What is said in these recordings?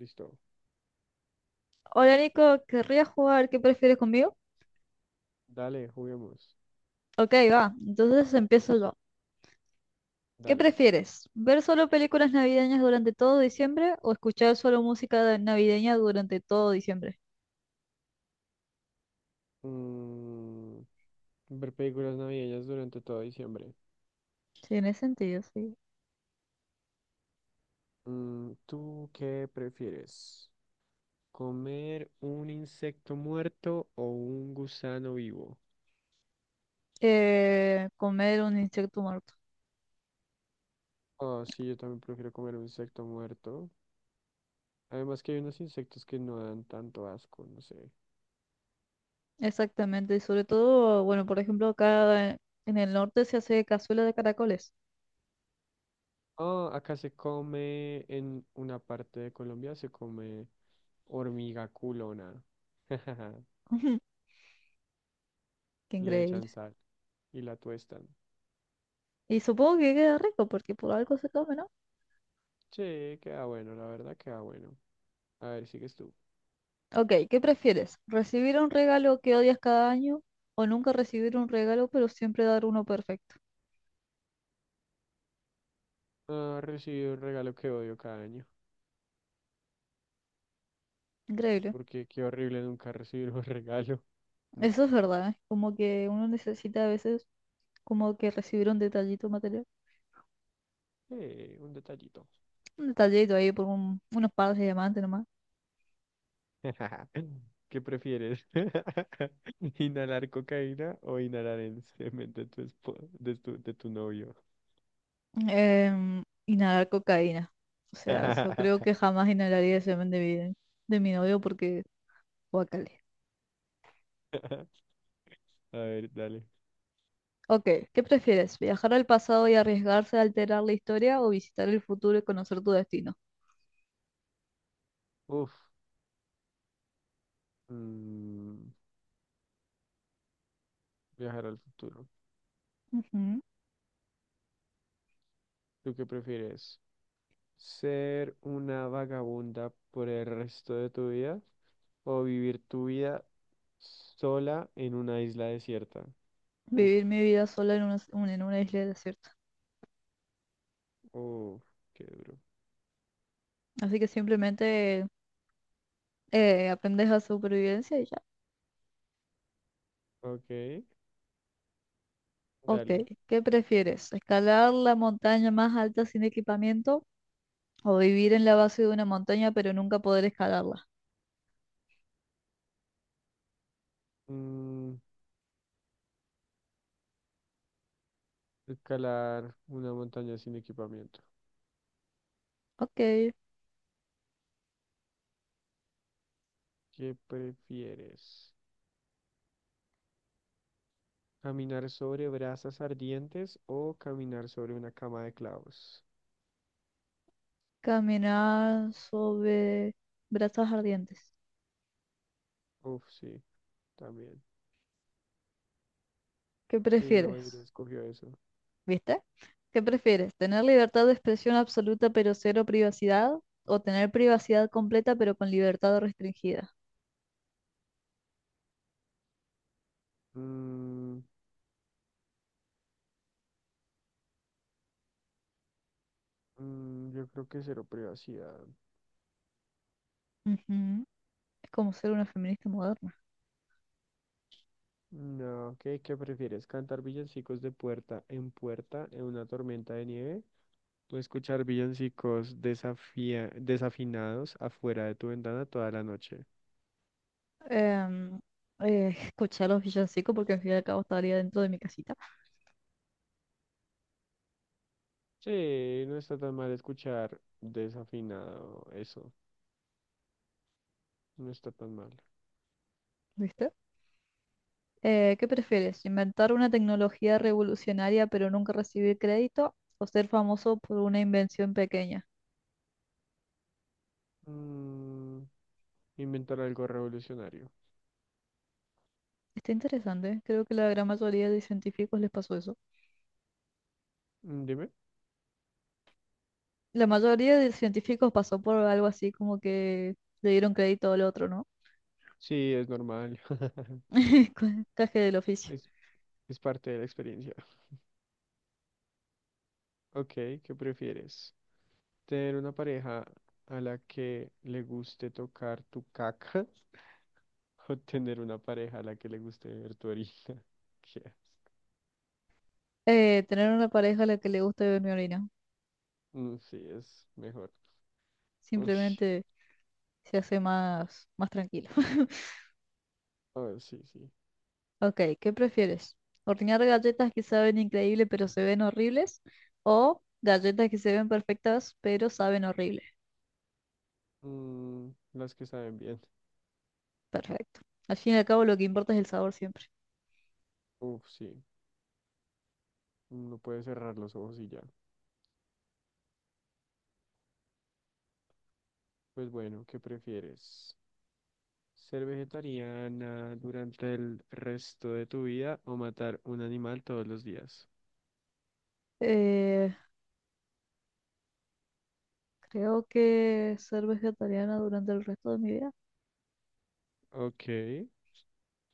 Listo. Hola Nico, ¿querrías jugar ¿Qué prefieres conmigo? Dale, juguemos. Ok, va, entonces empiezo yo. ¿Qué Dale. prefieres? ¿Ver solo películas navideñas durante todo diciembre o escuchar solo navideña durante todo diciembre? Mm, Ver películas navideñas durante todo diciembre. Sí, en ese sentido, sí. ¿Tú qué prefieres? ¿Comer un insecto muerto o un gusano vivo? Comer un insecto muerto. Ah, sí, yo también prefiero comer un insecto muerto. Además que hay unos insectos que no dan tanto asco, no sé. Exactamente, y sobre todo, bueno, por ejemplo, acá en el norte se hace cazuela de caracoles. Ah, acá se come, en una parte de Colombia se come hormiga culona. Qué Le echan increíble. sal y la tuestan. Y supongo que queda rico porque por algo se come, ¿no? Sí, queda bueno, la verdad queda bueno. A ver, sigues tú. Ok, ¿qué prefieres? ¿Recibir un regalo que odias cada año o nunca recibir un regalo pero siempre dar uno perfecto? Ah, recibí un regalo que odio cada año. Increíble. Porque qué horrible nunca recibir un regalo, ¿no? Eso es verdad, ¿eh? Como que uno necesita a veces como que recibir un detallito material. Un detallito. Un detallito ahí por unos pares de diamantes nomás. ¿Qué prefieres? ¿Inhalar cocaína o inhalar el semen de de tu novio? Inhalar cocaína. O sea, yo creo que jamás inhalaría el semen de mi novio porque guacale. A ver, dale. Ok, ¿qué prefieres? ¿Viajar al pasado y arriesgarse a alterar la historia o visitar el futuro y conocer tu destino? Uf, mm, viajar al futuro. Ujú. ¿Tú qué prefieres? ¿Ser una vagabunda por el resto de tu vida o vivir tu vida sola en una isla desierta? Uf, Vivir mi vida sola en una, en una isla desierta. oh, qué duro. Así que simplemente aprendes a supervivencia y ya. Ok, Ok, dale. ¿qué prefieres? ¿Escalar la montaña más alta sin equipamiento o vivir en la base de una montaña pero nunca poder escalarla? Mm, Escalar una montaña sin equipamiento. Ok, ¿Qué prefieres? ¿Caminar sobre brasas ardientes o caminar sobre una cama de clavos? caminar sobre brazos ardientes. Uf, sí, también. ¿Qué Sí, la mayoría prefieres? escogió eso. ¿Viste? ¿Qué prefieres? ¿Tener libertad de expresión absoluta pero cero privacidad? ¿O tener privacidad completa pero con libertad restringida? Mm. Yo creo que cero privacidad. Ujú. Es como ser una feminista moderna. No, ¿qué prefieres? ¿Cantar villancicos de puerta en puerta en una tormenta de nieve? Puedes escuchar villancicos desafinados afuera de tu ventana toda la noche. Em, Escuchar los villancicos porque al fin y al cabo estaría dentro de mi casita. Sí, no está tan mal escuchar desafinado eso. No está tan mal. ¿Viste? ¿Qué prefieres? ¿Inventar una tecnología revolucionaria pero nunca recibir crédito o ser famoso por una invención pequeña? Mm, Inventar algo revolucionario. Está interesante, ¿eh? Creo que la gran mayoría de científicos les pasó eso. Mm, dime. La mayoría de científicos pasó por algo así, como que le dieron crédito al otro, ¿no? Sí, es normal. Caje del oficio. Es, es parte de la experiencia. Ok, ¿qué prefieres? ¿Tener una pareja a la que le guste tocar tu caca o tener una pareja a la que le guste ver tu orina? ¿Qué? Tener una pareja a la que le guste beber mi orina. Mm, sí, es mejor. Ush, Simplemente se hace más, más tranquilo. a ver, sí, sí. Ok, ¿qué prefieres? ¿Hornear galletas que saben increíble pero se ven horribles? ¿O galletas que se ven perfectas pero saben horrible? Las que saben bien. Perfecto. Al fin y al cabo lo que importa es el sabor siempre. Uf, sí. No puedes cerrar los ojos y ya. Pues bueno, ¿qué prefieres? ¿Ser vegetariana durante el resto de tu vida o matar un animal todos los días? Eh, Creo que ser vegetariana durante el resto de mi vida. Ok.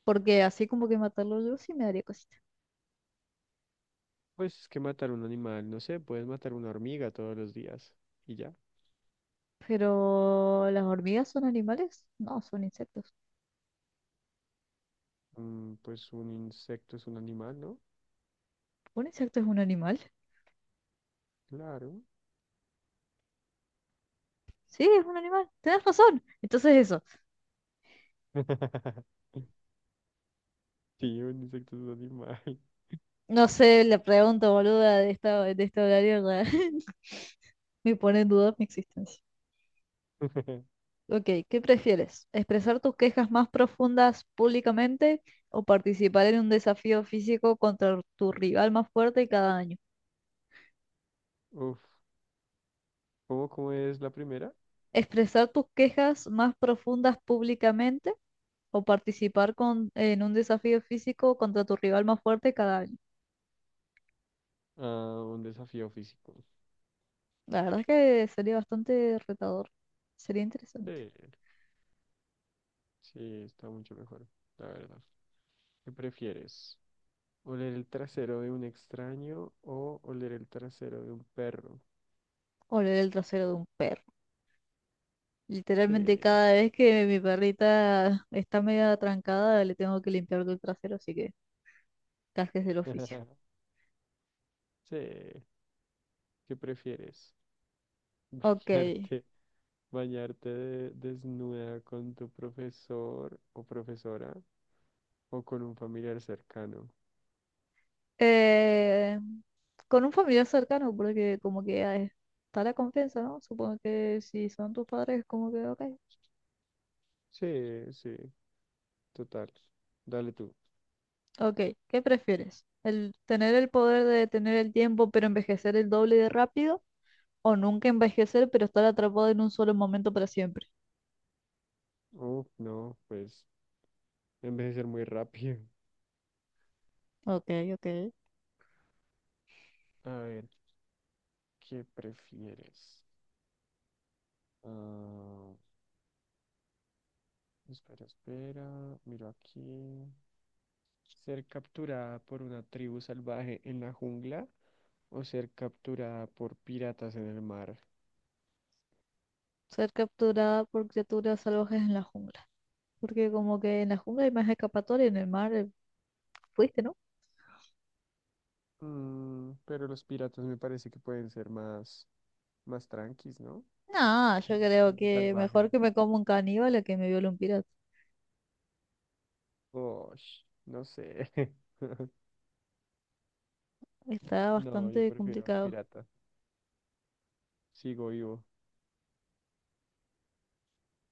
Porque así como que matarlo yo sí me daría cosita. Pues es que matar un animal, no sé, puedes matar una hormiga todos los días y ya. Pero las hormigas son animales. No, son insectos. Pues un insecto es un animal, ¿no? ¿Un insecto es un animal? Claro. Sí, es un animal. Tienes razón. Entonces eso. Sí, un insecto es un animal. No sé, la pregunta boluda de esta, de este horario ya me pone en duda mi existencia. Ok, ¿qué prefieres? ¿Expresar tus quejas más profundas públicamente o participar en un desafío físico contra tu rival más fuerte cada año? Uf. ¿Cómo es la primera? ¿Expresar tus quejas más profundas públicamente o participar con, en un desafío físico contra tu rival más fuerte cada año? Ah, un desafío físico. La verdad es que sería bastante retador. Sería Sí, interesante. sí, está mucho mejor, la verdad. ¿Qué prefieres? ¿Oler el trasero de un extraño o oler el trasero de un perro? Oler el trasero de un perro. Literalmente Sí. cada vez que mi perrita está media trancada, le tengo que limpiar el trasero, así que gajes del oficio. Sí. ¿Qué prefieres? Ok. ¿Bañarte, Desnuda con tu profesor o profesora o con un familiar cercano? Eh, con un familiar cercano, porque como que ah, está la confianza, ¿no? Supongo que si son tus padres, como que, ok. Sí, sí, total. Dale tú. Ok, ¿qué prefieres? ¿El tener el poder de detener el tiempo pero envejecer el doble de rápido? ¿O nunca envejecer pero estar atrapado en un solo momento para siempre? Oh, no, pues envejecer muy rápido. Ok, ok. A ver, ¿qué prefieres? Ah, espera. Miro aquí. ¿Ser capturada por una tribu salvaje en la jungla o ser capturada por piratas en el mar? Ser capturada por criaturas salvajes en la jungla. Porque como que en la jungla hay más escapatoria, en el mar fuiste, ¿no? Mm, pero los piratas me parece que pueden ser más tranquis, ¿no? No, yo Una creo tribu que salvaje. mejor que me como un caníbal a que me viole un pirata. Osh, no sé. Está No, yo bastante prefiero al complicado. pirata. Sigo vivo.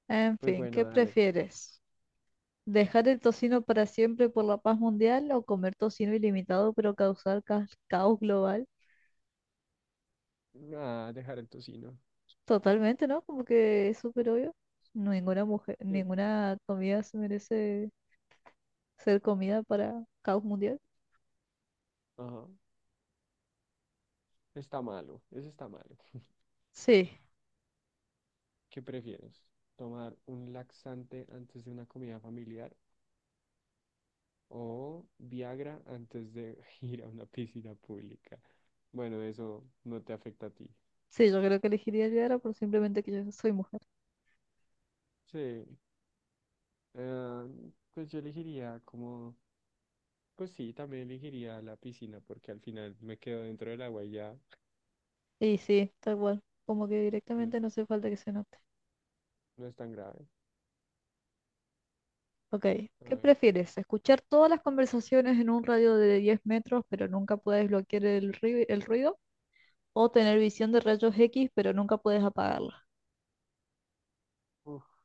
En Pues fin, bueno, ¿qué dale. prefieres? ¿Dejar el tocino para siempre por la paz mundial o comer tocino ilimitado pero causar caos global? Ah, dejar el tocino. Totalmente, ¿no? Como que es súper obvio. Ninguna mujer, Sí. ninguna comida se merece ser comida para caos mundial. Ajá. Está malo. Ese está malo. Sí, ¿Qué prefieres? ¿Tomar un laxante antes de una comida familiar o Viagra antes de ir a una piscina pública? Bueno, eso no te afecta a ti. sí, yo creo que elegiría Yara por simplemente que yo soy mujer. Sí, eh, pues yo elegiría como, pues sí, también elegiría la piscina porque al final me quedo dentro del agua y ya Y sí, tal cual. Como que no directamente no hace falta que se note. no es tan grave. Ok, A ¿qué ver, prefieres? ¿Escuchar todas las conversaciones en un radio de 10 metros pero nunca puedes bloquear el ruido? O tener visión de rayos X, pero nunca puedes apagarla. uf,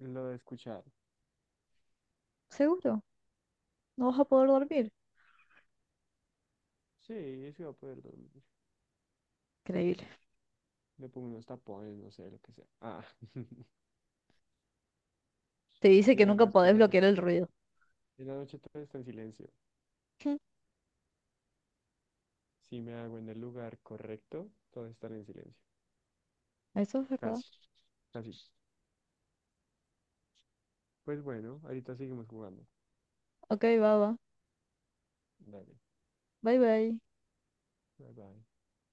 lo de escuchar. ¿Seguro? No vas a poder dormir. Sí, sí, va a poder dormir. Increíble. Me pongo unos tapones, no sé, lo que sea. Ah, Te dice y que nunca además que en podés la bloquear noche. el ruido. En la noche todo está en silencio. Si me hago en el lugar correcto, todo estará en silencio. Eso es verdad. Casi, Casi. Pues bueno, ahorita seguimos jugando. Ok, va, va. Dale, Bye, bye. bye bye.